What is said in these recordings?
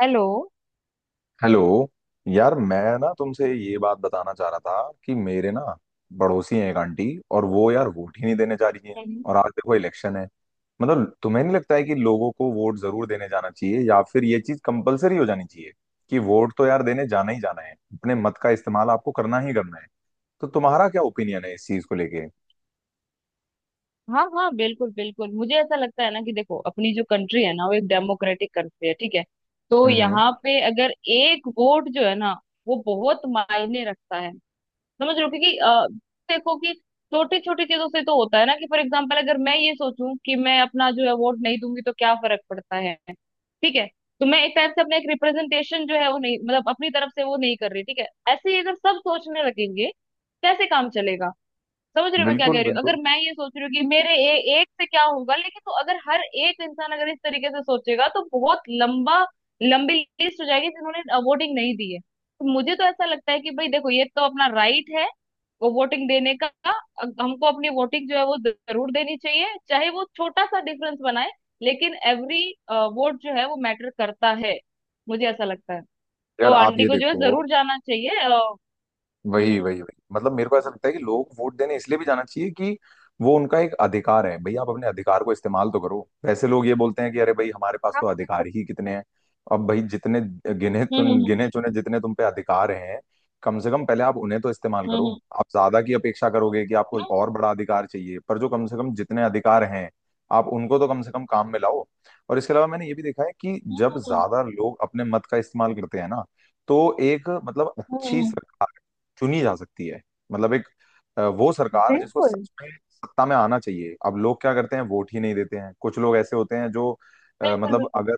Hello. Hello. यार, मैं ना तुमसे ये बात बताना चाह रहा था कि मेरे ना पड़ोसी हैं एक आंटी। और वो यार वोट ही नहीं देने जा रही हैं। हम्म। और आज देखो इलेक्शन है। मतलब तुम्हें नहीं लगता है कि लोगों को वोट जरूर देने जाना चाहिए या फिर ये चीज कंपलसरी हो जानी चाहिए, कि वोट तो यार देने जाना ही जाना है, अपने मत का इस्तेमाल आपको करना ही करना है? तो तुम्हारा क्या ओपिनियन है इस चीज को लेके? हाँ हाँ, बिल्कुल बिल्कुल, मुझे ऐसा लगता है ना कि देखो, अपनी जो कंट्री है ना, वो एक डेमोक्रेटिक कंट्री है, ठीक है। तो हम्म, हम्म। यहाँ पे अगर एक वोट जो है ना, वो बहुत मायने रखता है। समझ रहे हो, क्योंकि देखो कि छोटी छोटी चीजों से तो होता है ना कि फॉर एग्जाम्पल अगर मैं ये सोचूं कि मैं अपना जो है वोट नहीं दूंगी तो क्या फर्क पड़ता है, ठीक है। तो मैं एक टाइप से अपना एक रिप्रेजेंटेशन जो है वो नहीं, मतलब अपनी तरफ से वो नहीं कर रही, ठीक है। ऐसे ही अगर सब सोचने लगेंगे, कैसे काम चलेगा? समझ रहे हो मैं क्या बिल्कुल, कह रही हूँ, बिल्कुल। अगर मैं ये सोच रही हूँ कि मेरे एक से क्या होगा, लेकिन तो अगर हर एक इंसान अगर इस तरीके से सोचेगा तो बहुत लंबा लंबी लिस्ट हो जाएगी जिन्होंने वोटिंग नहीं दी है। तो मुझे तो ऐसा लगता है कि भाई देखो ये तो अपना राइट है, वो वोटिंग देने का हमको अपनी वोटिंग जो है वो जरूर देनी चाहिए, चाहे वो छोटा सा डिफरेंस बनाए, लेकिन एवरी वोट जो है वो मैटर करता है, मुझे ऐसा लगता है। तो यार, आप आंटी ये को जो है देखो। जरूर जाना चाहिए। हम्म। वही, वही, वही, मतलब मेरे को ऐसा लगता है कि लोग वोट देने इसलिए भी जाना चाहिए कि वो उनका एक अधिकार है। भाई, आप अपने अधिकार को इस्तेमाल तो करो। वैसे लोग ये बोलते हैं कि अरे भाई हमारे पास हाँ, तो अधिकार बिल्कुल। ही कितने हैं। अब भाई, जितने गिने हम्म तुम हम्म गिने चुने जितने तुम पे अधिकार हैं, कम से कम पहले आप उन्हें तो इस्तेमाल हम्म करो। हम्म आप ज्यादा की अपेक्षा करोगे कि आपको हम्म, और बड़ा अधिकार चाहिए, पर जो कम से कम जितने अधिकार हैं आप उनको तो कम से कम काम में लाओ। और इसके अलावा मैंने ये भी देखा है कि हम्म, जब हम्म, हम्म, ज्यादा लोग अपने मत का इस्तेमाल करते हैं ना, तो एक, मतलब अच्छी हम्म, सरकार चुनी जा सकती है। मतलब एक वो सरकार जिसको बिल्कुल सच में सत्ता में आना चाहिए। अब लोग क्या करते हैं? वोट ही नहीं देते हैं। कुछ लोग ऐसे होते हैं जो बिल्कुल। मतलब बिल्कुल। अगर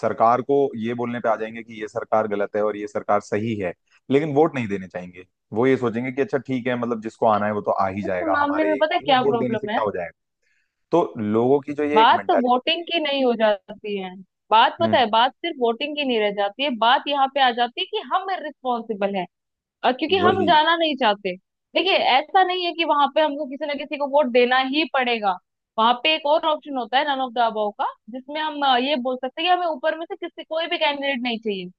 सरकार को ये बोलने पे आ जाएंगे कि ये सरकार गलत है और ये सरकार सही है लेकिन वोट नहीं देने चाहेंगे। वो ये सोचेंगे कि अच्छा ठीक है, मतलब जिसको आना है वो तो आ ही इस जाएगा, मामले हमारे में पता है ये क्या वोट देने से प्रॉब्लम है, क्या हो जाएगा। तो लोगों की जो ये एक बात तो मेंटालिटी। वोटिंग की नहीं हो जाती है। बात पता हम्म। है, बात सिर्फ वोटिंग की नहीं रह जाती है, बात यहाँ पे आ जाती है कि हम रिस्पॉन्सिबल हैं, क्योंकि हम वही। जाना नहीं चाहते। देखिए ऐसा नहीं है कि वहां पे हमको किसी ना किसी को वोट देना ही पड़ेगा, वहां पे एक और ऑप्शन होता है नन ऑफ द अबव का, जिसमें हम ये बोल सकते हैं कि हमें ऊपर में से किसी कोई भी कैंडिडेट नहीं चाहिए,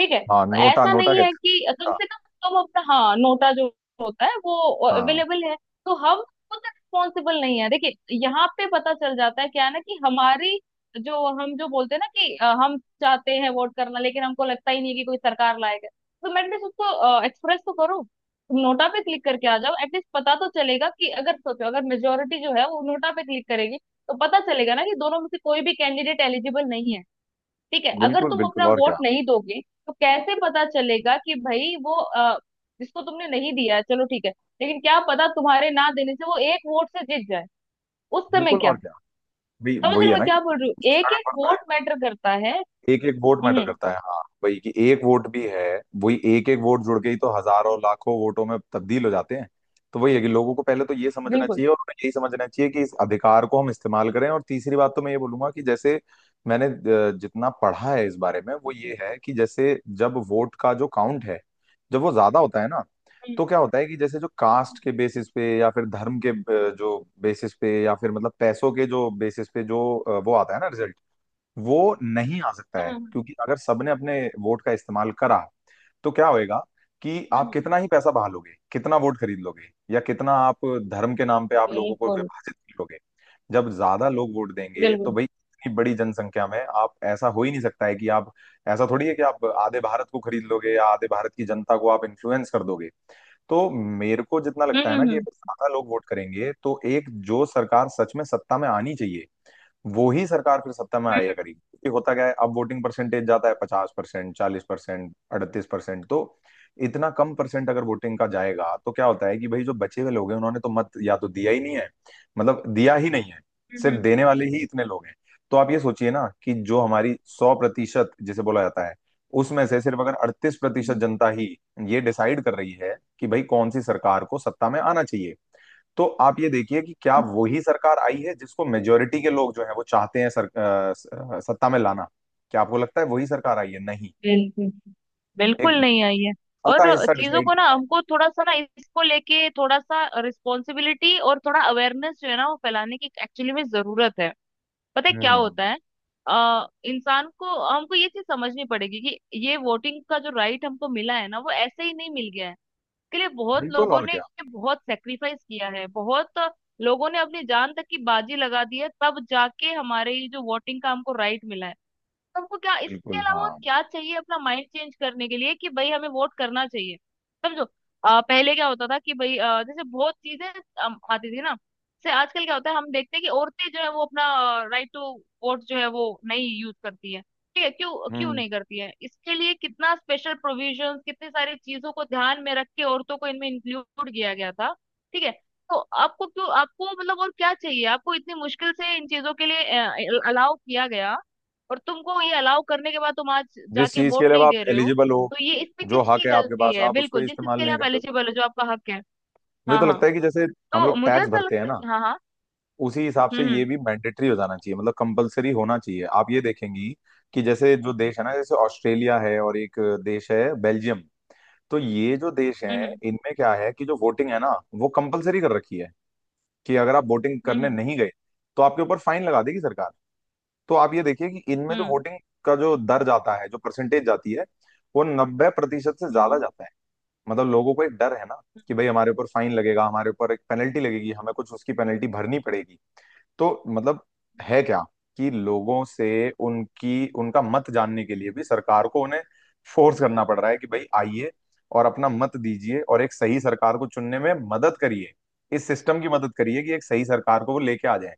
ठीक है। हाँ, तो नोटा, ऐसा नोटा नहीं है कहते कि हैं। कम हाँ। से कम हम अपना, हाँ, नोटा जो होता है वो हाँ, अवेलेबल है। तो हम खुद रिस्पॉन्सिबल नहीं है। देखिए यहाँ पे पता चल जाता है, क्या है ना कि हमारी जो, हम जो बोलते हैं ना कि हम चाहते हैं वोट करना, लेकिन हमको लगता ही नहीं है कि कोई सरकार लाएगा। तुम एटलीस्ट उसको एक्सप्रेस तो करो, तुम नोटा पे क्लिक करके आ जाओ। एटलीस्ट पता तो चलेगा कि अगर सोचो अगर मेजोरिटी जो है वो नोटा पे क्लिक करेगी तो पता चलेगा ना कि दोनों में से कोई भी कैंडिडेट एलिजिबल नहीं है, ठीक है। अगर बिल्कुल। तुम बिल्कुल अपना और क्या। वोट नहीं दोगे तो कैसे पता चलेगा कि भाई वो जिसको तुमने नहीं दिया है, चलो ठीक है, लेकिन क्या पता तुम्हारे ना देने से वो एक वोट से जीत जाए, उस समय बिल्कुल और क्या? क्या। भाई समझ रहे वही हो है मैं ना कि क्या बोल रही हूँ, सस्ता एक एक का पड़ता है। वोट मैटर करता है। एक एक वोट मैटर हम्म। करता है। हाँ, वही कि एक वोट भी है। वही, एक एक वोट जुड़ के ही तो हजारों लाखों वोटों में तब्दील हो जाते हैं। तो वही है कि लोगों को पहले तो ये समझना बिल्कुल। चाहिए और उन्हें यही समझना चाहिए कि इस अधिकार को हम इस्तेमाल करें। और तीसरी बात तो मैं ये बोलूंगा कि जैसे मैंने जितना पढ़ा है इस बारे में वो ये है कि जैसे जब वोट का जो काउंट है, जब वो ज्यादा होता है ना, हम्म, तो क्या होता है कि जैसे जो कास्ट हम्म, के बेसिस पे या फिर धर्म के जो बेसिस पे या फिर मतलब पैसों के जो बेसिस पे जो वो आता है ना, वो नहीं आ सकता है। हम्म, क्योंकि अगर सबने अपने वोट का इस्तेमाल करा तो क्या होएगा, कि हम्म, आप हम्म। कितना ही पैसा बहा लोगे, कितना वोट खरीद लोगे, या कितना आप धर्म के नाम पे आप लोगों को बिल्कुल विभाजित कर लोगे। जब ज्यादा लोग वोट देंगे तो बिल्कुल। भाई इतनी बड़ी जनसंख्या में आप, ऐसा हो ही नहीं सकता है कि आप, ऐसा थोड़ी है कि आप आधे भारत को खरीद लोगे या आधे भारत की जनता को आप इन्फ्लुएंस कर दोगे। तो मेरे को जितना लगता हम्म है ना कि हम्म अगर ज्यादा लोग वोट करेंगे तो एक जो सरकार सच में सत्ता में आनी चाहिए वो ही सरकार फिर सत्ता में हम्म आया करेगी। क्योंकि होता क्या है, अब वोटिंग परसेंटेज जाता है 50%, 40%, 38%, तो इतना कम परसेंट अगर वोटिंग का जाएगा तो क्या होता है कि भाई जो बचे हुए लोग हैं उन्होंने तो मत या तो दिया ही नहीं है। मतलब दिया ही नहीं है, हम्म, सिर्फ हम्म, देने वाले ही इतने लोग हैं। तो आप ये सोचिए ना कि जो हमारी 100% जिसे बोला जाता है उसमें से सिर्फ अगर 38% हम्म, जनता ही ये डिसाइड कर रही है कि भाई कौन सी सरकार को सत्ता में आना चाहिए, तो आप ये देखिए कि क्या हम्म, वही सरकार आई है जिसको मेजोरिटी के लोग जो है वो चाहते हैं सर, सत्ता में लाना। क्या आपको लगता है वही सरकार आई है? नहीं। बिल्कुल। बिल्कुल एक नहीं आई है। छोटा और हिस्सा चीजों डिसाइड को ना कर रहा हमको थोड़ा सा ना, इसको लेके थोड़ा सा रिस्पॉन्सिबिलिटी और थोड़ा अवेयरनेस जो है ना वो फैलाने की एक्चुअली में जरूरत है। पता है है। क्या हम्म। होता है, इंसान को हमको ये चीज समझनी पड़ेगी कि ये वोटिंग का जो राइट हमको मिला है ना वो ऐसे ही नहीं मिल गया है, इसके लिए बहुत बिल्कुल लोगों और ने क्या। बहुत सेक्रीफाइस किया है, बहुत लोगों ने अपनी जान तक की बाजी लगा दी है, तब जाके हमारे ये जो वोटिंग का हमको राइट मिला है। हमको क्या इसके बिल्कुल अलावा और हाँ। क्या चाहिए अपना माइंड चेंज करने के लिए कि भाई हमें वोट करना चाहिए। समझो, पहले क्या होता था कि भाई जैसे बहुत चीजें आती थी ना, जैसे आजकल क्या होता है हम देखते हैं कि औरतें जो है वो अपना राइट टू वोट जो है वो नहीं यूज करती है, ठीक है। क्यों, क्यों हम्म। नहीं करती है, इसके लिए कितना स्पेशल प्रोविजन, कितनी सारी चीजों को ध्यान में रख के औरतों को इनमें इंक्लूड किया गया था, ठीक है। तो आपको क्यों, आपको मतलब और क्या चाहिए आपको, इतनी मुश्किल से इन चीजों के लिए अलाउ किया गया, और तुमको ये अलाउ करने के बाद तुम आज जिस जाके चीज वोट के लिए अब नहीं आप दे रहे हो, एलिजिबल हो, तो ये इसमें जो हक किसकी है आपके गलती पास है? आप उसको बिल्कुल जिस चीज इस्तेमाल के लिए नहीं आप करते हो। एलिजिबल हो, जो आपका हक है। मुझे हाँ तो हाँ। लगता है कि जैसे हम तो लोग मुझे टैक्स ऐसा भरते हैं लगता है ना, हाँ हाँ। उसी हिसाब से ये हम्म भी मैंडेटरी हो जाना चाहिए, मतलब कंपलसरी होना चाहिए। आप ये देखेंगी कि जैसे जो देश है ना, जैसे ऑस्ट्रेलिया है और एक देश है बेल्जियम। तो ये जो देश हैं हम्म इनमें क्या है कि जो वोटिंग है ना वो कंपलसरी कर रखी है, कि अगर आप वोटिंग हम्म हम्म करने हम्म नहीं गए तो आपके ऊपर फाइन लगा देगी सरकार। तो आप ये देखिए कि इनमें हम्म जो हम्म, वोटिंग का जो दर जाता है, जो परसेंटेज जाती है, वो 90% से हम्म, ज्यादा हम्म। जाता है। मतलब लोगों को एक डर है ना कि भाई हमारे ऊपर फाइन लगेगा, हमारे ऊपर एक पेनल्टी लगेगी, हमें कुछ उसकी पेनल्टी भरनी पड़ेगी। तो मतलब है क्या, कि लोगों से उनकी उनका मत जानने के लिए भी सरकार को उन्हें फोर्स करना पड़ रहा है कि भाई आइए और अपना मत दीजिए और एक सही सरकार को चुनने में मदद करिए, इस सिस्टम की मदद करिए कि एक सही सरकार को वो लेके आ जाए।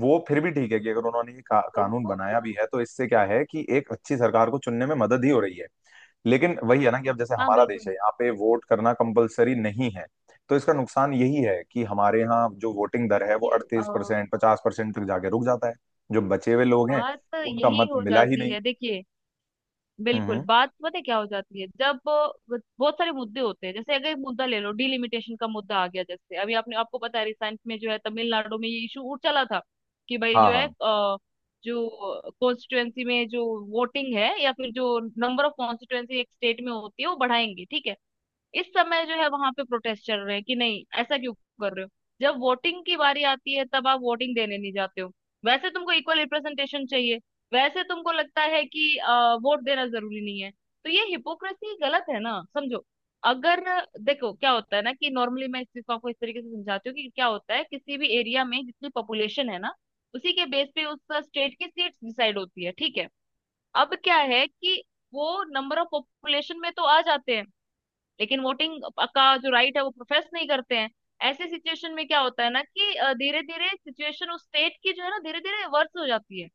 वो फिर भी ठीक है कि अगर उन्होंने ये कानून लोगों को। बनाया भी है तो इससे क्या है कि एक अच्छी सरकार को चुनने में मदद ही हो रही है। लेकिन वही है ना कि अब जैसे हाँ हमारा देश बिल्कुल। है, यहाँ पे वोट करना कंपलसरी नहीं है, तो इसका नुकसान यही है कि हमारे यहाँ जो वोटिंग दर है वो देखिए 38%, 50% तक जाके रुक जाता है। जो बचे हुए लोग हैं बात उनका यही मत हो मिला ही जाती नहीं। है। देखिए हम्म, बिल्कुल, बात पता है क्या हो जाती है, जब बहुत सारे मुद्दे होते हैं, जैसे अगर एक मुद्दा ले लो, डिलिमिटेशन का मुद्दा आ गया, जैसे अभी आपने, आपको पता है, रिसेंट में जो है तमिलनाडु में ये इशू उठ चला था कि भाई हाँ, जो है हाँ, जो कॉन्स्टिट्युएंसी में जो वोटिंग है या फिर जो नंबर ऑफ कॉन्स्टिट्युएंसी एक स्टेट में होती है वो बढ़ाएंगे, ठीक है। इस समय जो है वहां पे प्रोटेस्ट चल रहे हैं कि नहीं ऐसा क्यों कर रहे हो, जब वोटिंग की बारी आती है तब आप वोटिंग देने नहीं जाते हो। वैसे तुमको इक्वल रिप्रेजेंटेशन चाहिए, वैसे तुमको लगता है कि वोट देना जरूरी नहीं है, तो ये हिपोक्रेसी गलत है ना। समझो, अगर देखो क्या होता है ना कि नॉर्मली मैं इस चीज को आपको इस तरीके से समझाती हूँ, कि क्या होता है किसी भी एरिया में जितनी पॉपुलेशन है ना, उसी के बेस पे उस स्टेट की सीट डिसाइड होती है, ठीक है। अब क्या है कि वो नंबर ऑफ पॉपुलेशन में तो आ जाते हैं, लेकिन वोटिंग का जो राइट है वो प्रोफेस नहीं करते हैं। ऐसे सिचुएशन में क्या होता है ना कि धीरे धीरे सिचुएशन उस स्टेट की जो है ना धीरे धीरे वर्स हो जाती है।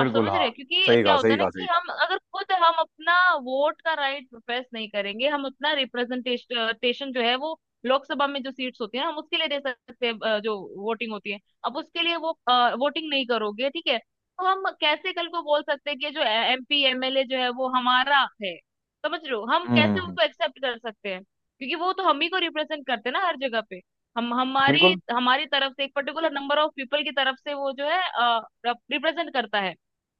आप समझ रहे हाँ। हैं, क्योंकि सही क्या कहा, होता सही है ना कहा, सही कि कहा। हम अगर खुद हम अपना वोट का राइट प्रोफेस नहीं करेंगे, हम अपना रिप्रेजेंटेशन जो है, वो लोकसभा में जो सीट्स होती है ना हम उसके लिए दे सकते हैं, जो वोटिंग होती है, अब उसके लिए वो वोटिंग नहीं करोगे, ठीक है। तो हम कैसे कल को बोल सकते हैं कि जो एमपी एमएलए जो है वो हमारा है, समझ रहे हो, हम हम्म, कैसे उनको एक्सेप्ट कर सकते हैं क्योंकि वो तो हम ही को रिप्रेजेंट करते हैं ना, हर जगह पे। हम हमारी बिल्कुल, हमारी तरफ से एक पर्टिकुलर नंबर ऑफ पीपल की तरफ से वो जो है रिप्रेजेंट करता है।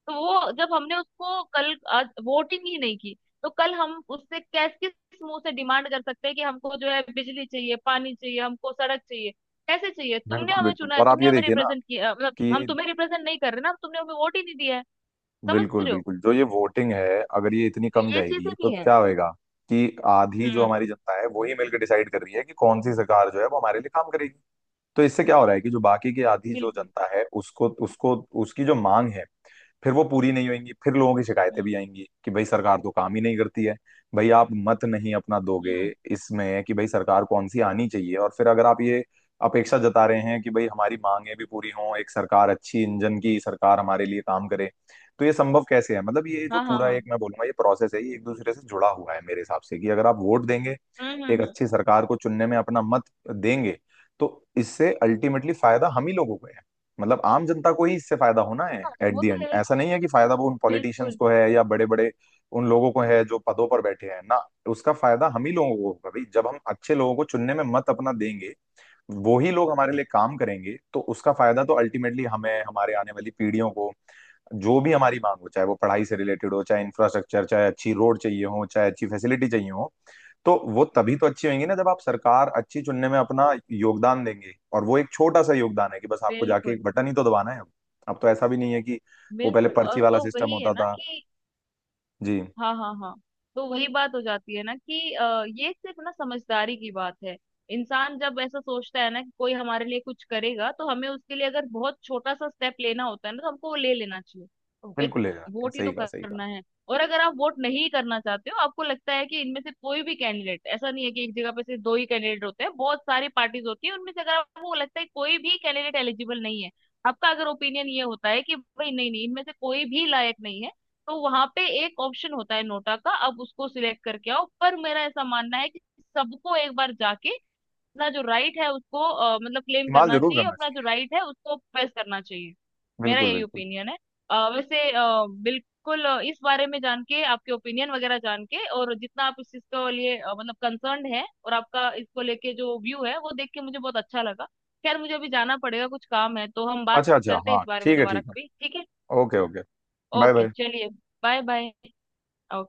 तो वो जब हमने उसको कल आज वोटिंग ही नहीं की, तो कल हम उससे कैस किस मुंह से डिमांड कर सकते हैं कि हमको जो है बिजली चाहिए, पानी चाहिए, हमको सड़क चाहिए, कैसे चाहिए? तुमने बिल्कुल। हमें बिल्कुल चुना है, और आप तुमने ये हमें देखिए ना रिप्रेजेंट किया, मतलब कि, हम तुम्हें रिप्रेजेंट नहीं कर रहे ना, तुमने हमें वोट ही नहीं दिया है। समझ बिल्कुल, रहे हो, बिल्कुल, जो ये वोटिंग है अगर ये इतनी तो कम ये चीजें जाएगी तो भी है। क्या होएगा, कि आधी जो हम्म। हमारी जनता है वही मिलकर डिसाइड कर रही है कि कौन सी सरकार जो है वो हमारे लिए काम करेगी। तो इससे क्या हो रहा है कि जो बाकी की आधी जो बिल्कुल। जनता है उसको उसको उसकी जो मांग है, फिर वो पूरी नहीं होंगी। फिर लोगों की शिकायतें भी हम्म आएंगी कि भाई सरकार तो काम ही नहीं करती है। भाई, आप मत नहीं अपना दोगे हम्म। इसमें कि भाई सरकार कौन सी आनी चाहिए, और फिर अगर आप ये अपेक्षा जता रहे हैं कि भाई हमारी मांगें भी पूरी हों, एक सरकार अच्छी इंजन की सरकार हमारे लिए काम करे, तो ये संभव कैसे है? मतलब ये जो हाँ हाँ पूरा हाँ। एक, मैं बोलूंगा ये प्रोसेस है, ये एक दूसरे से जुड़ा हुआ है मेरे हिसाब से, कि अगर आप वोट देंगे, एक हम्म। अच्छी सरकार को चुनने में अपना मत देंगे, तो इससे अल्टीमेटली फायदा हम ही लोगों को है। मतलब आम जनता को ही इससे फायदा होना है हाँ, एट द वो तो एंड। है ही। ऐसा नहीं है कि फायदा वो उन पॉलिटिशियंस बिल्कुल को है या बड़े बड़े उन लोगों को है जो पदों पर बैठे हैं ना। उसका फायदा हम ही लोगों को होगा, भाई जब हम अच्छे लोगों को चुनने में मत अपना देंगे वो ही लोग हमारे लिए काम करेंगे, तो उसका फायदा तो अल्टीमेटली हमें, हमारे आने वाली पीढ़ियों को। जो भी हमारी मांग हो, चाहे वो पढ़ाई से रिलेटेड हो, चाहे इंफ्रास्ट्रक्चर, चाहे अच्छी रोड चाहिए हो, चाहे अच्छी फैसिलिटी चाहिए हो, तो वो तभी तो अच्छी होंगी ना जब आप सरकार अच्छी चुनने में अपना योगदान देंगे, और वो एक छोटा सा योगदान है कि बस आपको जाके एक बिल्कुल। बटन ही तो दबाना है अब। अब तो ऐसा भी नहीं है कि वो पहले बिल्कुल और पर्ची वाला तो सिस्टम वही है होता ना था। कि जी। हाँ हाँ हाँ, तो वही बात हो जाती है ना कि ये सिर्फ ना समझदारी की बात है। इंसान जब ऐसा सोचता है ना कि कोई हमारे लिए कुछ करेगा तो हमें उसके लिए अगर बहुत छोटा सा स्टेप लेना होता है ना तो हमको वो ले लेना चाहिए, तो एक बिल्कुल ले जाके, वोट ही सही तो कहा, सही कहा। करना है। और अगर आप वोट नहीं करना चाहते हो, आपको लगता है कि इनमें से कोई भी कैंडिडेट ऐसा नहीं है, कि एक जगह पे सिर्फ दो ही कैंडिडेट होते हैं, बहुत सारी पार्टीज होती है, उनमें से अगर आपको लगता है कोई भी कैंडिडेट एलिजिबल नहीं है, आपका अगर ओपिनियन ये होता है कि भाई नहीं नहीं इनमें से कोई भी लायक नहीं है, तो वहां पे एक ऑप्शन होता है नोटा का, अब उसको सिलेक्ट करके आओ। पर मेरा ऐसा मानना है कि सबको एक बार जाके अपना जो राइट है उसको मतलब क्लेम इस्तेमाल करना जरूर चाहिए, करना अपना जो चाहिए। राइट है उसको प्रेस करना चाहिए। मेरा बिल्कुल, यही बिल्कुल। ओपिनियन है। वैसे, बिल्कुल, इस बारे में जान के, आपके ओपिनियन वगैरह जान के, और जितना आप इस चीज के लिए मतलब कंसर्न है और आपका इसको लेके जो व्यू है वो देख के मुझे बहुत अच्छा लगा। खैर मुझे अभी जाना पड़ेगा, कुछ काम है, तो हम बात अच्छा, अच्छा, करते हैं हाँ, इस बारे में ठीक है, दोबारा ठीक है। कभी, ठीक है। Okay, okay. Bye, okay, bye. चलिए। Bye bye. ओके।